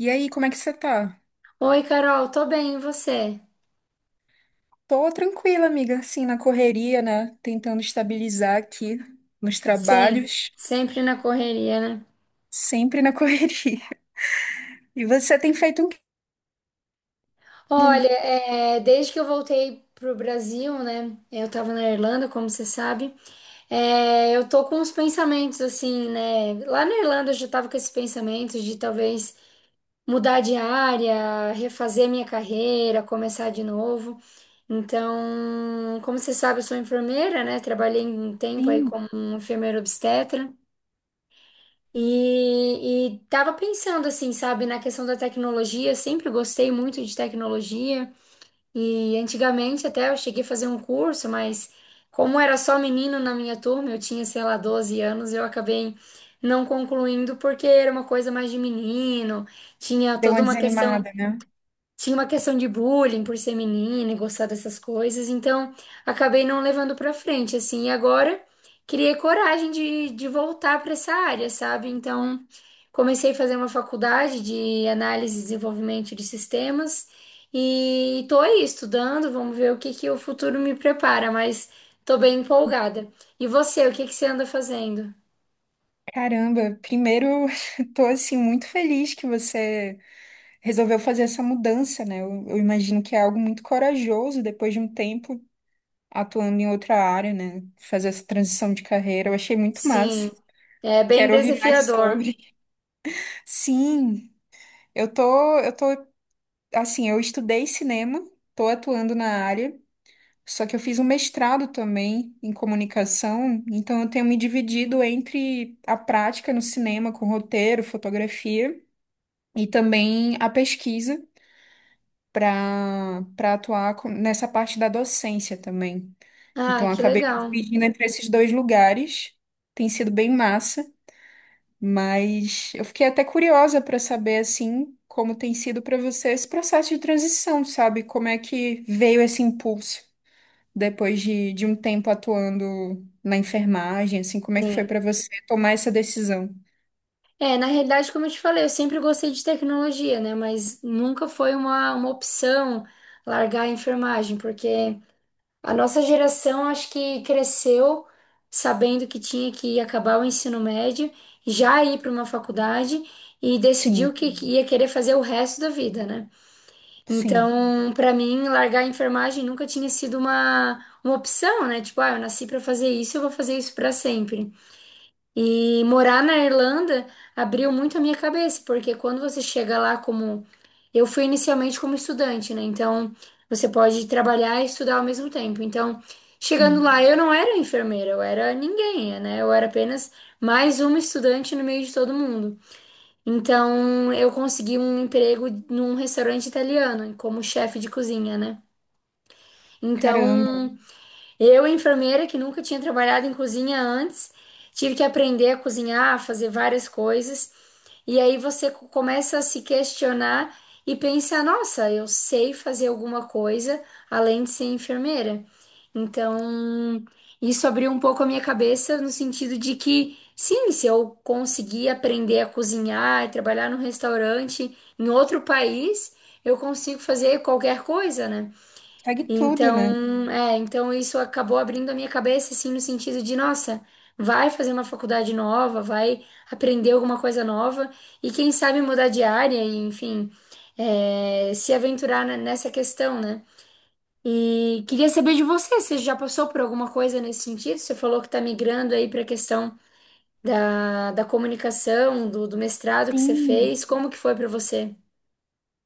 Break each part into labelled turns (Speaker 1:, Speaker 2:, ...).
Speaker 1: E aí, como é que você tá?
Speaker 2: Oi, Carol, tô bem, e você?
Speaker 1: Tô tranquila, amiga, assim, na correria, né? Tentando estabilizar aqui nos
Speaker 2: Sim,
Speaker 1: trabalhos,
Speaker 2: sempre na correria, né?
Speaker 1: sempre na correria. E você tem feito um... quê?
Speaker 2: Olha, desde que eu voltei pro Brasil, né? Eu tava na Irlanda, como você sabe. Eu tô com uns pensamentos assim, né? Lá na Irlanda eu já tava com esses pensamentos de talvez mudar de área, refazer minha carreira, começar de novo. Então, como você sabe, eu sou enfermeira, né? Trabalhei um tempo aí
Speaker 1: Sim,
Speaker 2: como um enfermeira obstetra. E tava pensando assim, sabe, na questão da tecnologia, sempre gostei muito de tecnologia. E antigamente até eu cheguei a fazer um curso, mas como era só menino na minha turma, eu tinha, sei lá, 12 anos, eu acabei não concluindo porque era uma coisa mais de menino, tinha
Speaker 1: deu
Speaker 2: toda
Speaker 1: uma
Speaker 2: uma questão,
Speaker 1: desanimada, né?
Speaker 2: tinha uma questão de bullying por ser menina e gostar dessas coisas, então acabei não levando pra frente, assim, e agora criei coragem de voltar pra essa área, sabe? Então comecei a fazer uma faculdade de análise e desenvolvimento de sistemas e tô aí estudando, vamos ver o que que o futuro me prepara, mas tô bem empolgada. E você, o que que você anda fazendo?
Speaker 1: Caramba, primeiro, tô, assim, muito feliz que você resolveu fazer essa mudança, né? Eu imagino que é algo muito corajoso depois de um tempo atuando em outra área, né? Fazer essa transição de carreira, eu achei muito massa.
Speaker 2: Sim, é bem
Speaker 1: Quero ouvir mais
Speaker 2: desafiador.
Speaker 1: sobre. Sim. Eu tô, assim, eu estudei cinema, tô atuando na área, só que eu fiz um mestrado também em comunicação, então eu tenho me dividido entre a prática no cinema com roteiro, fotografia e também a pesquisa para nessa parte da docência também. Então
Speaker 2: Ah,
Speaker 1: eu
Speaker 2: que
Speaker 1: acabei me
Speaker 2: legal.
Speaker 1: dividindo entre esses dois lugares, tem sido bem massa. Mas eu fiquei até curiosa para saber assim como tem sido para você esse processo de transição, sabe? Como é que veio esse impulso depois de um tempo atuando na enfermagem, assim, como é que foi
Speaker 2: Sim.
Speaker 1: para você tomar essa decisão?
Speaker 2: É, na realidade, como eu te falei, eu sempre gostei de tecnologia, né? Mas nunca foi uma opção largar a enfermagem, porque a nossa geração acho que cresceu sabendo que tinha que acabar o ensino médio, já ir para uma faculdade e decidiu
Speaker 1: Sim,
Speaker 2: que ia querer fazer o resto da vida, né?
Speaker 1: sim,
Speaker 2: Então, para mim, largar a enfermagem nunca tinha sido uma opção, né? Tipo, ah, eu nasci para fazer isso, eu vou fazer isso para sempre. E morar na Irlanda abriu muito a minha cabeça, porque quando você chega lá como. Eu fui inicialmente como estudante, né? Então você pode trabalhar e estudar ao mesmo tempo. Então, chegando
Speaker 1: sim.
Speaker 2: lá, eu não era enfermeira, eu era ninguém, né? Eu era apenas mais uma estudante no meio de todo mundo. Então, eu consegui um emprego num restaurante italiano, como chefe de cozinha, né?
Speaker 1: Caramba,
Speaker 2: Então, eu, enfermeira que nunca tinha trabalhado em cozinha antes, tive que aprender a cozinhar, a fazer várias coisas, e aí você começa a se questionar e pensar: nossa, eu sei fazer alguma coisa além de ser enfermeira. Então, isso abriu um pouco a minha cabeça no sentido de que, sim, se eu conseguir aprender a cozinhar e trabalhar num restaurante em outro país, eu consigo fazer qualquer coisa, né?
Speaker 1: segue tudo, né?
Speaker 2: Então, isso acabou abrindo a minha cabeça, assim, no sentido de, nossa, vai fazer uma faculdade nova, vai aprender alguma coisa nova e quem sabe mudar de área e, enfim, se aventurar nessa questão, né? E queria saber de você, você já passou por alguma coisa nesse sentido? Você falou que está migrando aí para a questão da comunicação, do mestrado que você
Speaker 1: Sim.
Speaker 2: fez, como que foi para você?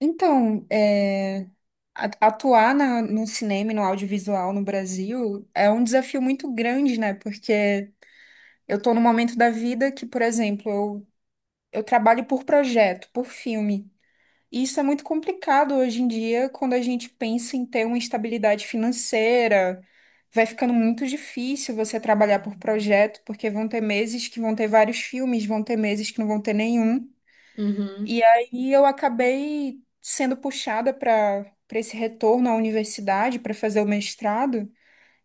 Speaker 1: Então, é, atuar no cinema e no audiovisual no Brasil é um desafio muito grande, né? Porque eu tô num momento da vida que, por exemplo, eu trabalho por projeto, por filme. E isso é muito complicado hoje em dia, quando a gente pensa em ter uma estabilidade financeira. Vai ficando muito difícil você trabalhar por projeto, porque vão ter meses que vão ter vários filmes, vão ter meses que não vão ter nenhum.
Speaker 2: Uhum.
Speaker 1: E aí eu acabei sendo puxada para esse retorno à universidade, para fazer o mestrado,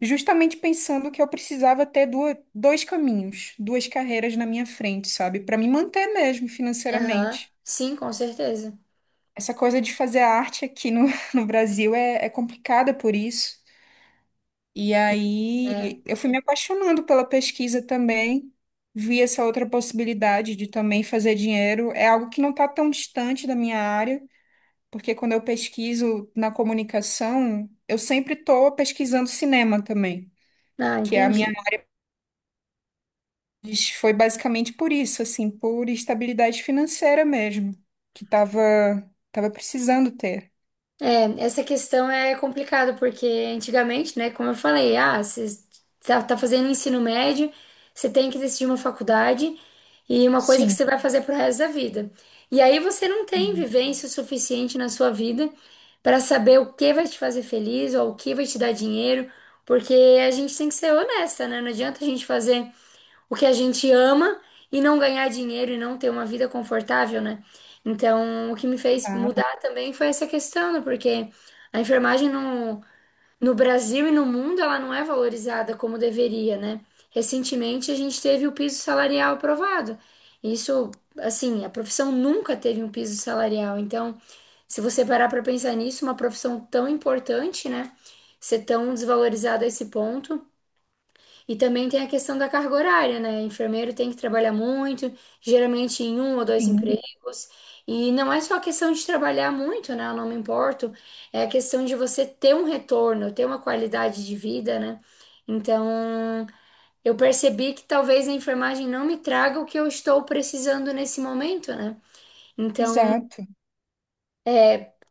Speaker 1: justamente pensando que eu precisava ter duas, dois caminhos, duas carreiras na minha frente, sabe? Para me manter mesmo
Speaker 2: Aham.
Speaker 1: financeiramente.
Speaker 2: Sim, com certeza.
Speaker 1: Essa coisa de fazer arte aqui no, no Brasil é, é complicada por isso. E
Speaker 2: É.
Speaker 1: aí eu fui me apaixonando pela pesquisa também, vi essa outra possibilidade de também fazer dinheiro. É algo que não está tão distante da minha área, porque quando eu pesquiso na comunicação, eu sempre estou pesquisando cinema também,
Speaker 2: Ah,
Speaker 1: que é a minha
Speaker 2: entendi.
Speaker 1: foi basicamente por isso, assim, por estabilidade financeira mesmo, que estava tava tava precisando ter.
Speaker 2: É, essa questão é complicada, porque antigamente, né, como eu falei, ah, você tá fazendo ensino médio, você tem que decidir uma faculdade e uma coisa que
Speaker 1: Sim.
Speaker 2: você vai fazer pro resto da vida. E aí você não tem vivência o suficiente na sua vida para saber o que vai te fazer feliz ou o que vai te dar dinheiro, porque a gente tem que ser honesta, né? Não adianta a gente fazer o que a gente ama e não ganhar dinheiro e não ter uma vida confortável, né? Então, o que me fez
Speaker 1: Ah,
Speaker 2: mudar também foi essa questão, né? Porque a enfermagem no Brasil e no mundo, ela não é valorizada como deveria, né? Recentemente, a gente teve o piso salarial aprovado. Isso, assim, a profissão nunca teve um piso salarial. Então, se você parar para pensar nisso, uma profissão tão importante, né? Ser tão desvalorizada a esse ponto. E também tem a questão da carga horária, né? Enfermeiro tem que trabalhar muito, geralmente em um ou dois
Speaker 1: sim.
Speaker 2: empregos. E não é só a questão de trabalhar muito, né? Eu não me importo. É a questão de você ter um retorno, ter uma qualidade de vida, né? Então, eu percebi que talvez a enfermagem não me traga o que eu estou precisando nesse momento, né? Então,
Speaker 1: Exato.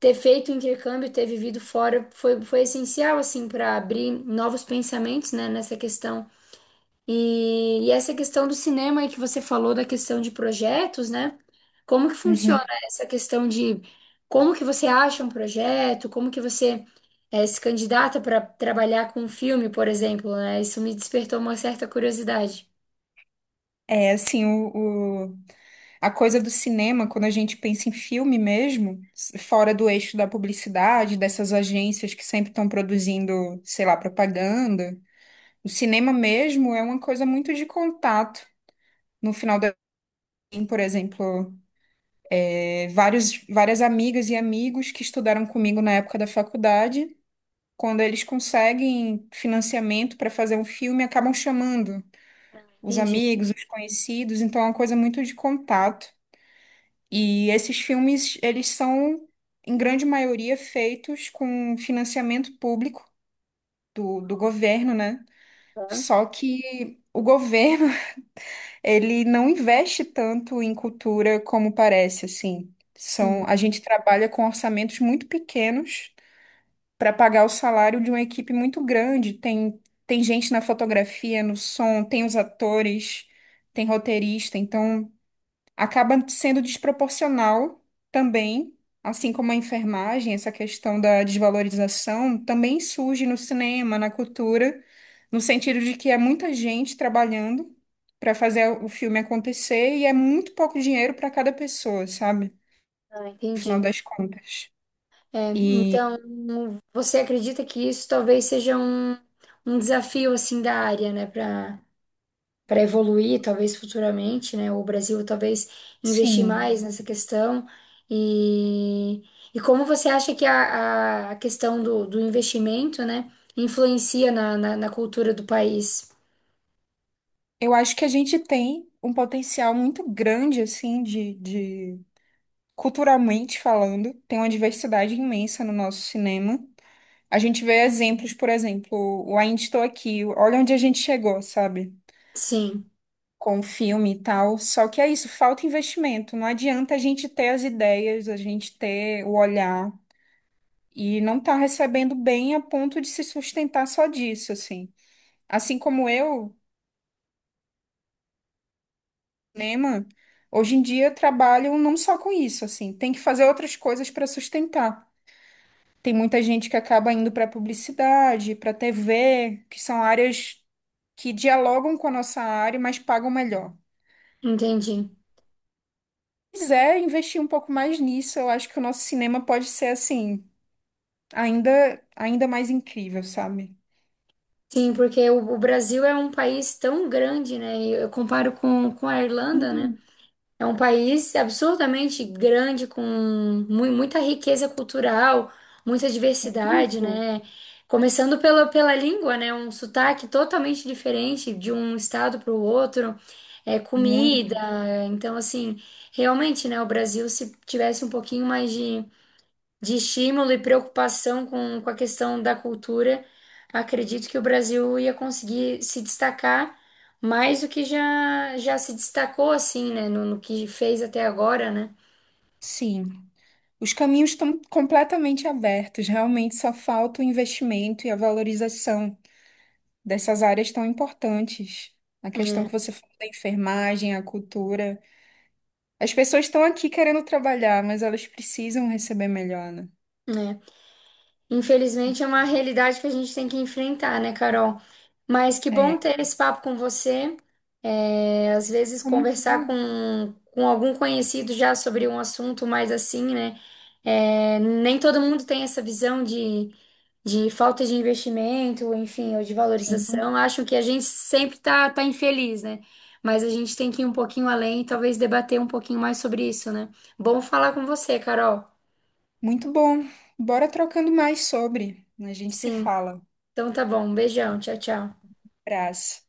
Speaker 2: ter feito o intercâmbio, ter vivido fora foi, foi essencial, assim, para abrir novos pensamentos, né? Nessa questão. E essa questão do cinema aí que você falou da questão de projetos, né? Como que
Speaker 1: Uhum.
Speaker 2: funciona essa questão de como que você acha um projeto, como que você se candidata para trabalhar com um filme, por exemplo, né? Isso me despertou uma certa curiosidade.
Speaker 1: É assim, a coisa do cinema, quando a gente pensa em filme mesmo, fora do eixo da publicidade, dessas agências que sempre estão produzindo, sei lá, propaganda, o cinema mesmo é uma coisa muito de contato. No final da, por exemplo, vários, várias amigas e amigos que estudaram comigo na época da faculdade, quando eles conseguem financiamento para fazer um filme, acabam chamando os
Speaker 2: Entendi.
Speaker 1: amigos, os conhecidos, então é uma coisa muito de contato. E esses filmes, eles são, em grande maioria, feitos com financiamento público do governo, né?
Speaker 2: Tá.
Speaker 1: Só que o governo, ele não investe tanto em cultura como parece, assim.
Speaker 2: Uhum.
Speaker 1: A gente trabalha com orçamentos muito pequenos para pagar o salário de uma equipe muito grande. Tem gente na fotografia, no som, tem os atores, tem roteirista, então acaba sendo desproporcional também, assim como a enfermagem, essa questão da desvalorização também surge no cinema, na cultura, no sentido de que é muita gente trabalhando para fazer o filme acontecer e é muito pouco dinheiro para cada pessoa, sabe?
Speaker 2: Ah,
Speaker 1: No final
Speaker 2: entendi.
Speaker 1: das contas.
Speaker 2: É,
Speaker 1: E
Speaker 2: então, você acredita que isso talvez seja um desafio assim da área, né? Para evoluir, talvez futuramente, né? O Brasil talvez investir
Speaker 1: sim,
Speaker 2: mais nessa questão. E, e como você acha que a a questão do investimento, né, influencia na cultura do país?
Speaker 1: eu acho que a gente tem um potencial muito grande, assim, de culturalmente falando, tem uma diversidade imensa no nosso cinema. A gente vê exemplos, por exemplo, o Ainda Estou Aqui, olha onde a gente chegou, sabe?
Speaker 2: Sim,
Speaker 1: Com o filme e tal. Só que é isso, falta investimento. Não adianta a gente ter as ideias, a gente ter o olhar e não tá recebendo bem a ponto de se sustentar só disso, assim. Assim como eu, cinema, hoje em dia trabalho não só com isso, assim, tem que fazer outras coisas para sustentar. Tem muita gente que acaba indo para publicidade, para TV, que são áreas que dialogam com a nossa área, mas pagam melhor.
Speaker 2: entendi.
Speaker 1: Se quiser investir um pouco mais nisso, eu acho que o nosso cinema pode ser assim, ainda, ainda mais incrível, sabe?
Speaker 2: Sim, porque o Brasil é um país tão grande, né? E eu comparo com a Irlanda, né?
Speaker 1: Sim,
Speaker 2: É um país absurdamente grande, com muita riqueza cultural, muita diversidade,
Speaker 1: muito,
Speaker 2: né? Começando pela língua, né? Um sotaque totalmente diferente de um estado para o outro, é, comida.
Speaker 1: muito.
Speaker 2: Então, assim, realmente, né? O Brasil, se tivesse um pouquinho mais de estímulo e preocupação com a questão da cultura, acredito que o Brasil ia conseguir se destacar mais do que já se destacou, assim, né? No que fez até agora, né?
Speaker 1: Sim, os caminhos estão completamente abertos, realmente só falta o investimento e a valorização dessas áreas tão importantes. A questão
Speaker 2: É,
Speaker 1: que você falou da enfermagem, a cultura. As pessoas estão aqui querendo trabalhar, mas elas precisam receber melhor, né?
Speaker 2: é. Infelizmente é uma realidade que a gente tem que enfrentar, né, Carol? Mas que bom
Speaker 1: É,
Speaker 2: ter esse papo com você. É, às vezes
Speaker 1: foi muito
Speaker 2: conversar
Speaker 1: bom.
Speaker 2: com algum conhecido já sobre um assunto mais assim, né? É, nem todo mundo tem essa visão de falta de investimento, enfim, ou de
Speaker 1: Sim.
Speaker 2: valorização. Acham que a gente sempre tá infeliz, né? Mas a gente tem que ir um pouquinho além e talvez debater um pouquinho mais sobre isso, né? Bom falar com você, Carol.
Speaker 1: Muito bom. Bora trocando mais sobre. A gente se
Speaker 2: Sim.
Speaker 1: fala.
Speaker 2: Então tá bom. Um beijão. Tchau, tchau.
Speaker 1: Abraço.